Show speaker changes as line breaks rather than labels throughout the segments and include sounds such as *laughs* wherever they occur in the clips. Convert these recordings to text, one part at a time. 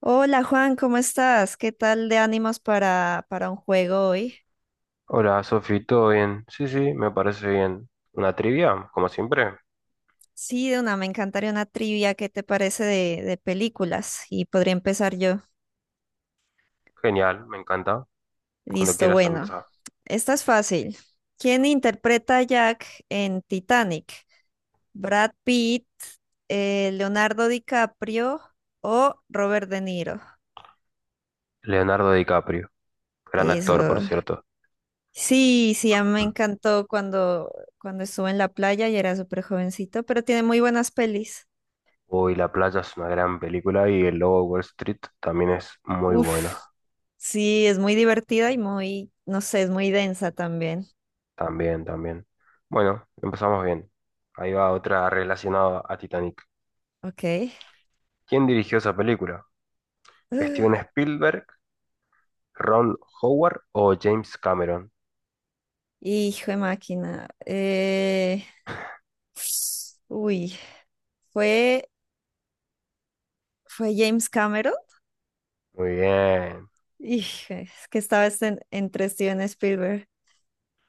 Hola Juan, ¿cómo estás? ¿Qué tal de ánimos para un juego hoy?
Hola, Sofi, ¿todo bien? Sí, me parece bien. ¿Una trivia? Como siempre.
Sí, de una, me encantaría una trivia. ¿Qué te parece de películas? Y podría empezar yo.
Genial, me encanta. Cuando
Listo,
quieras
bueno.
empezar.
Esta es fácil. ¿Quién interpreta a Jack en Titanic? ¿Brad Pitt, Leonardo DiCaprio o Robert De Niro?
Leonardo DiCaprio, gran actor, por
Eso.
cierto.
Sí, sí, a mí me encantó cuando estuve en la playa y era súper jovencito, pero tiene muy buenas pelis.
Uy, La playa es una gran película y El Lobo de Wall Street también es muy
Uf,
buena.
sí, es muy divertida y muy, no sé, es muy densa también.
También, también. Bueno, empezamos bien. Ahí va otra relacionada a Titanic.
Ok.
¿Quién dirigió esa película? ¿Steven
*gasps*
Spielberg, Ron Howard o James Cameron?
Hijo de máquina. Uy, fue, Fue James Cameron.
Muy bien.
Hijo, es que estaba entre Steven Spielberg.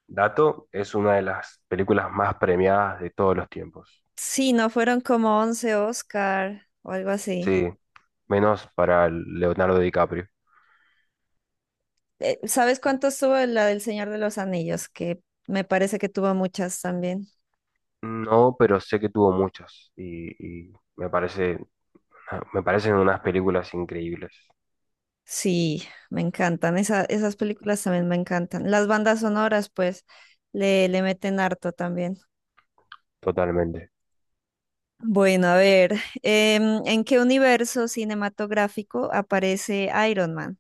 Dato es una de las películas más premiadas de todos los tiempos.
Sí, no fueron como once Oscar o algo así.
Sí, menos para Leonardo DiCaprio.
¿Sabes cuántos tuvo la del Señor de los Anillos? Que me parece que tuvo muchas también.
No, pero sé que tuvo muchas y me parece, me parecen unas películas increíbles,
Sí, me encantan. Esas películas también me encantan. Las bandas sonoras, pues, le meten harto también.
totalmente.
Bueno, a ver, ¿en qué universo cinematográfico aparece Iron Man?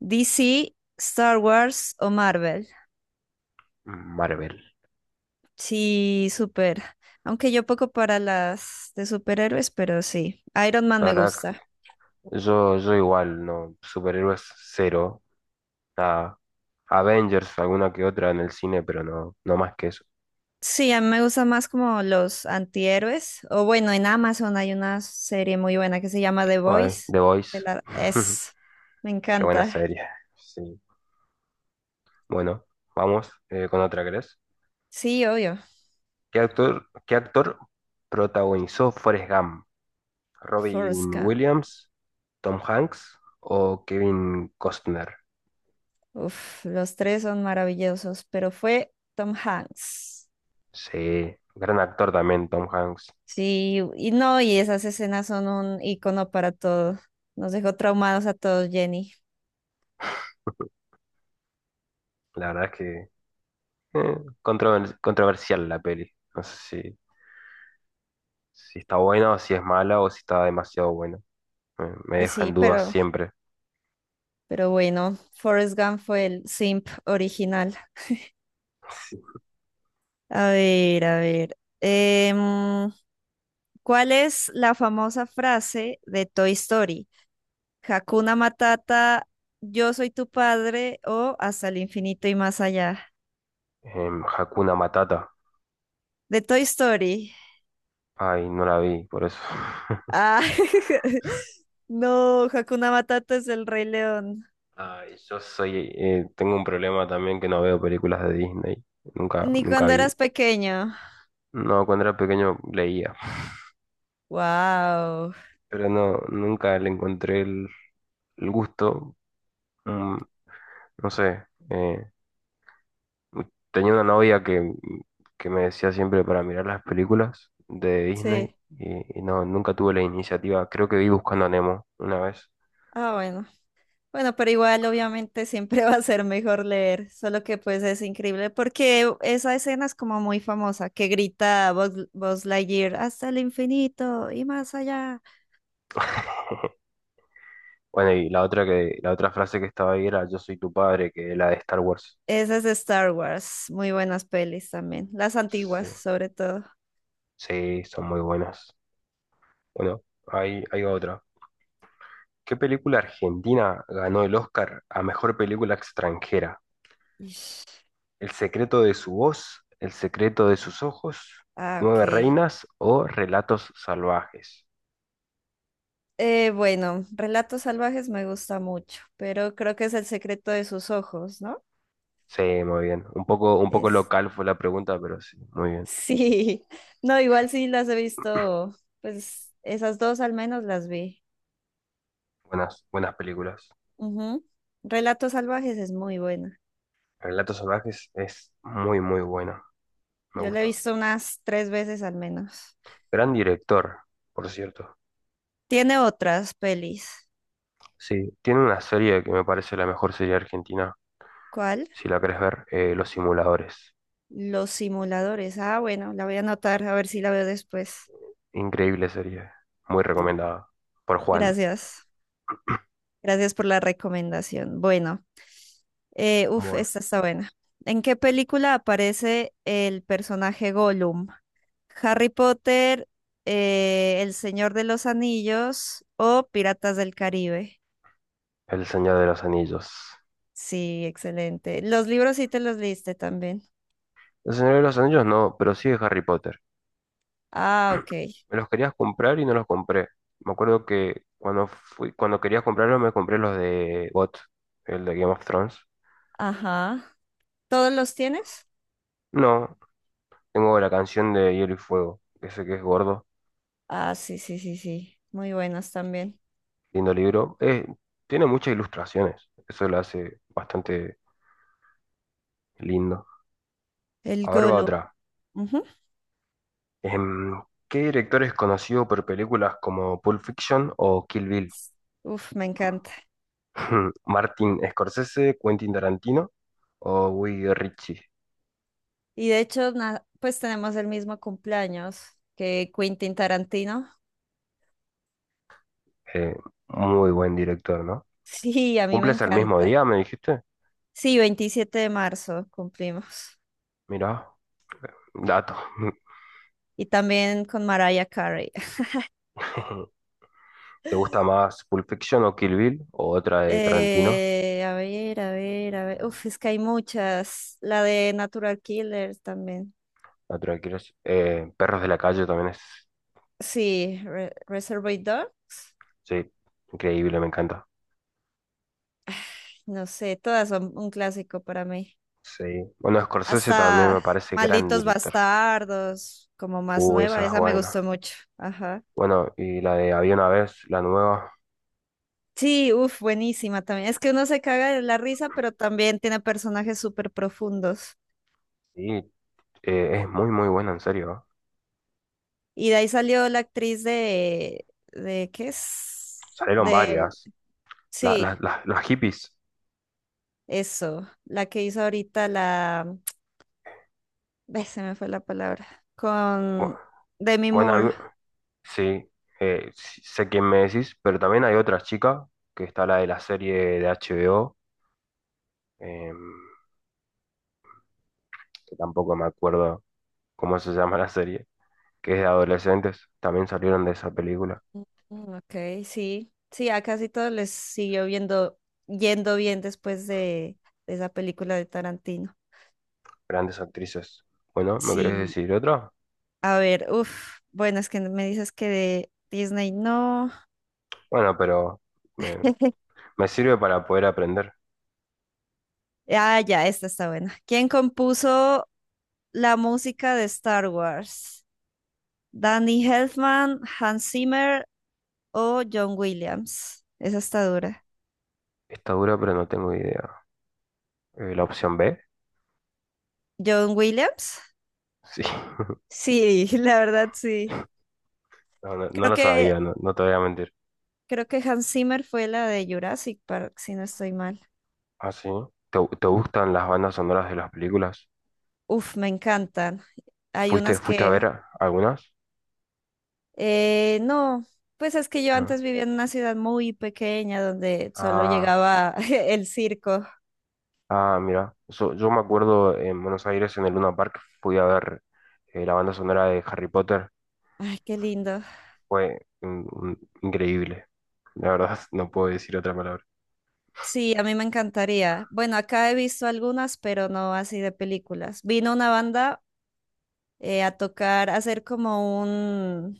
¿DC, Star Wars o Marvel?
Marvel.
Sí, súper. Aunque yo poco para las de superhéroes, pero sí. Iron Man
La
me
verdad,
gusta.
yo igual, no, superhéroes cero, nada. Avengers, alguna que otra en el cine, pero no, no más que eso.
Sí, a mí me gustan más como los antihéroes. O bueno, en Amazon hay una serie muy buena que se llama The
Ay,
Voice.
The Voice,
que la-
*laughs*
Es, Me
qué buena
encanta.
serie. Sí. Bueno, vamos con otra, ¿crees?
Sí, obvio.
¿Qué actor protagonizó Forrest Gump?
Forrest
¿Robin
Gump.
Williams, Tom Hanks o Kevin Costner?
Uf, los tres son maravillosos, pero fue Tom Hanks.
Sí, gran actor también, Tom Hanks.
Sí, y no, y esas escenas son un icono para todo. Nos dejó traumados a todos, Jenny.
La verdad es que eh, controversial la peli. No sé si está buena o si es mala o si está demasiado buena. Me
Pues
deja
sí,
en dudas siempre.
pero bueno, Forrest Gump fue el simp original.
Sí.
A ver, a ver. ¿Cuál es la famosa frase de Toy Story? Hakuna Matata, yo soy tu padre o hasta el infinito y más allá.
Hakuna Matata.
De Toy Story.
Ay, no la vi, por eso.
Ah, *laughs* no, Hakuna Matata es el Rey León.
*laughs* Ay, yo soy, tengo un problema también que no veo películas de Disney. Nunca,
¿Ni
nunca
cuando
vi.
eras pequeño?
No, cuando era pequeño leía,
Wow.
pero no, nunca le encontré el gusto. Mm, no sé, eh, tenía una novia que me decía siempre para mirar las películas de Disney
Sí.
y no, nunca tuve la iniciativa. Creo que vi Buscando a Nemo una vez.
Ah, bueno. Bueno, pero igual obviamente siempre *laughs* va a ser mejor leer, solo que pues es increíble porque esa escena es como muy famosa, que grita Buzz Lightyear hasta el infinito y más allá.
Bueno, y la otra frase que estaba ahí era Yo soy tu padre, que es la de Star Wars.
Esa es de Star Wars, muy buenas pelis también, las
Sí,
antiguas sobre todo.
sí, son muy buenas. Bueno, hay otra. ¿Qué película argentina ganó el Oscar a mejor película extranjera?
Ish.
El secreto de su voz, el secreto de sus ojos,
Ah,
nueve
ok.
reinas o relatos salvajes.
Bueno, Relatos Salvajes me gusta mucho, pero creo que es El secreto de sus ojos, ¿no?
Sí, muy bien. Un poco
Es...
local fue la pregunta, pero sí, muy bien.
Sí, *laughs* no, igual sí las he visto, pues esas dos al menos las vi.
Buenas películas.
Ujú. Relatos salvajes es muy buena.
Relatos salvajes es muy buena. Me
Yo la he
gusta.
visto unas tres veces al menos.
Gran director, por cierto.
Tiene otras pelis.
Sí, tiene una serie que me parece la mejor serie argentina,
¿Cuál?
si la querés ver, Los Simuladores.
Los simuladores. Ah, bueno, la voy a anotar a ver si la veo después.
Increíble serie. Muy recomendada por Juan.
Gracias. Gracias por la recomendación. Bueno, uf,
Bueno,
esta está buena. ¿En qué película aparece el personaje Gollum? ¿Harry Potter, El Señor de los Anillos o Piratas del Caribe?
El Señor de los Anillos.
Sí, excelente. Los libros sí te los leíste también.
El Señor de los Anillos no, pero sí de Harry Potter.
Ah, ok.
Me los querías comprar y no los compré. Me acuerdo que cuando querías comprarlos me compré los de GOT, el de Game of Thrones.
Ajá. ¿Todos los tienes?
No, tengo la canción de Hielo y Fuego, que sé que es gordo,
Ah, sí, sí, sí, sí. Muy buenos también.
lindo libro. Tiene muchas ilustraciones, eso lo hace bastante lindo.
El
A ver, va
Golo.
otra.
Ujú.
Em, ¿Qué director es conocido por películas como Pulp Fiction o Kill Bill?
Uf, me encanta.
*laughs* ¿Martin Scorsese, Quentin Tarantino o Guy Ritchie?
Y de hecho, pues tenemos el mismo cumpleaños que Quentin Tarantino. *laughs*
Eh, muy buen director, ¿no?
Sí, a mí me
¿Cumples el mismo
encanta.
día, me dijiste?
Sí, 27 de marzo cumplimos.
Mirá, dato.
Y también con Mariah Carey. *laughs*
*laughs* ¿Te gusta más Pulp Fiction o Kill Bill? ¿O otra de Tarantino?
A ver, a ver, a ver. Uf, es que hay muchas. La de Natural Killer también.
La otra que Perros de la calle también es,
Sí, Reservoir Dogs,
sí, increíble, me encanta.
no sé, todas son un clásico para mí.
Sí. Bueno, Scorsese también
Hasta
me parece gran
Malditos
director.
Bastardos, como más nueva,
Esa es
esa me
buena.
gustó mucho. Ajá.
Bueno, y la de Había una vez, la nueva,
Sí, uff, buenísima también. Es que uno se caga de la risa, pero también tiene personajes súper profundos.
sí, es muy buena, en serio.
Y de ahí salió la actriz ¿qué es?
Salieron
De,
varias.
sí,
Las hippies.
eso, la que hizo ahorita la, *tsk* ve, se me fue la palabra,
Bu-
con Demi
Buena,
Moore.
Sí, sí, sé quién me decís, pero también hay otra chica, que está la de la serie de HBO, em, que tampoco me acuerdo cómo se llama la serie, que es de adolescentes, también salieron de esa película,
Mm, ok, sí, sí, a casi todos les yendo bien después de esa película de Tarantino.
grandes actrices. Bueno, ¿me querés
Sí,
decir otra?
a ver, uff, bueno, es que me dices que de Disney no.
Bueno, pero me,
*laughs*
me sirve para poder aprender.
Ah, ya, esta está buena. ¿Quién compuso la música de Star Wars? ¿Danny Elfman, Hans Zimmer o John Williams? Esa está dura.
Está dura, pero no tengo idea. ¿La opción B?
¿John Williams?
Sí, *laughs*
Sí, *laughs* la verdad sí.
no
Creo
lo
que
sabía, no, no te voy a mentir.
Creo que Hans Zimmer fue la de Jurassic Park, si no estoy mal.
¿Ah, sí? ¿Te gustan las bandas sonoras de las películas?
Uf, me encantan. Hay unas
¿Fuiste a
que,
ver algunas?
no, pues es que yo
No.
antes vivía en una ciudad muy pequeña donde solo
Ah,
llegaba *laughs* el circo.
mira. Yo me acuerdo en Buenos Aires, en el Luna Park, fui a ver la banda sonora de Harry Potter.
Ay, qué lindo.
Fue increíble. La verdad, *laughs* no puedo decir otra palabra.
Sí, a mí me encantaría. Bueno, acá he visto algunas, pero no así de películas. Vino una banda a tocar, a hacer como un,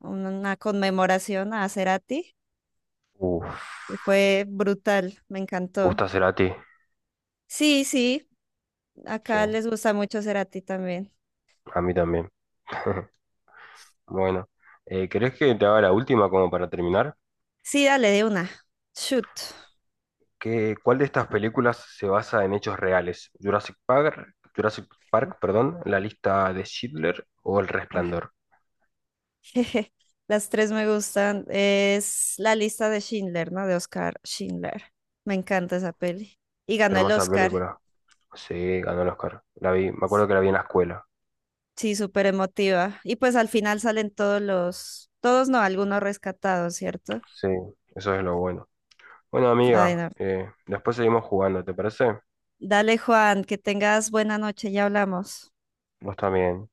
una conmemoración a Cerati y
Uf,
fue brutal, me
me
encantó.
gusta Cerati.
Sí, sí.
Sí,
Acá les gusta mucho Cerati también.
a mí también. *laughs* Bueno, ¿querés que te haga la última como para terminar?
Sí, dale de una. Shoot.
¿Cuál de estas películas se basa en hechos reales? ¿Jurassic Park, perdón, La lista de Schindler o El
Ah, *laughs*
Resplandor?
las tres me gustan. Es la lista de Schindler, ¿no? De Oscar Schindler. Me encanta esa peli. Y ganó el
Hermosa
Oscar.
película. Sí, ganó el Oscar. La vi, me acuerdo que la vi en la escuela.
Sí, súper emotiva. Y pues al final salen todos los, todos no, algunos rescatados, ¿cierto?
Sí, eso es lo bueno. Bueno,
Ay,
amiga,
no.
después seguimos jugando, ¿te parece?
Dale, Juan, que tengas buena noche, ya hablamos.
Vos también.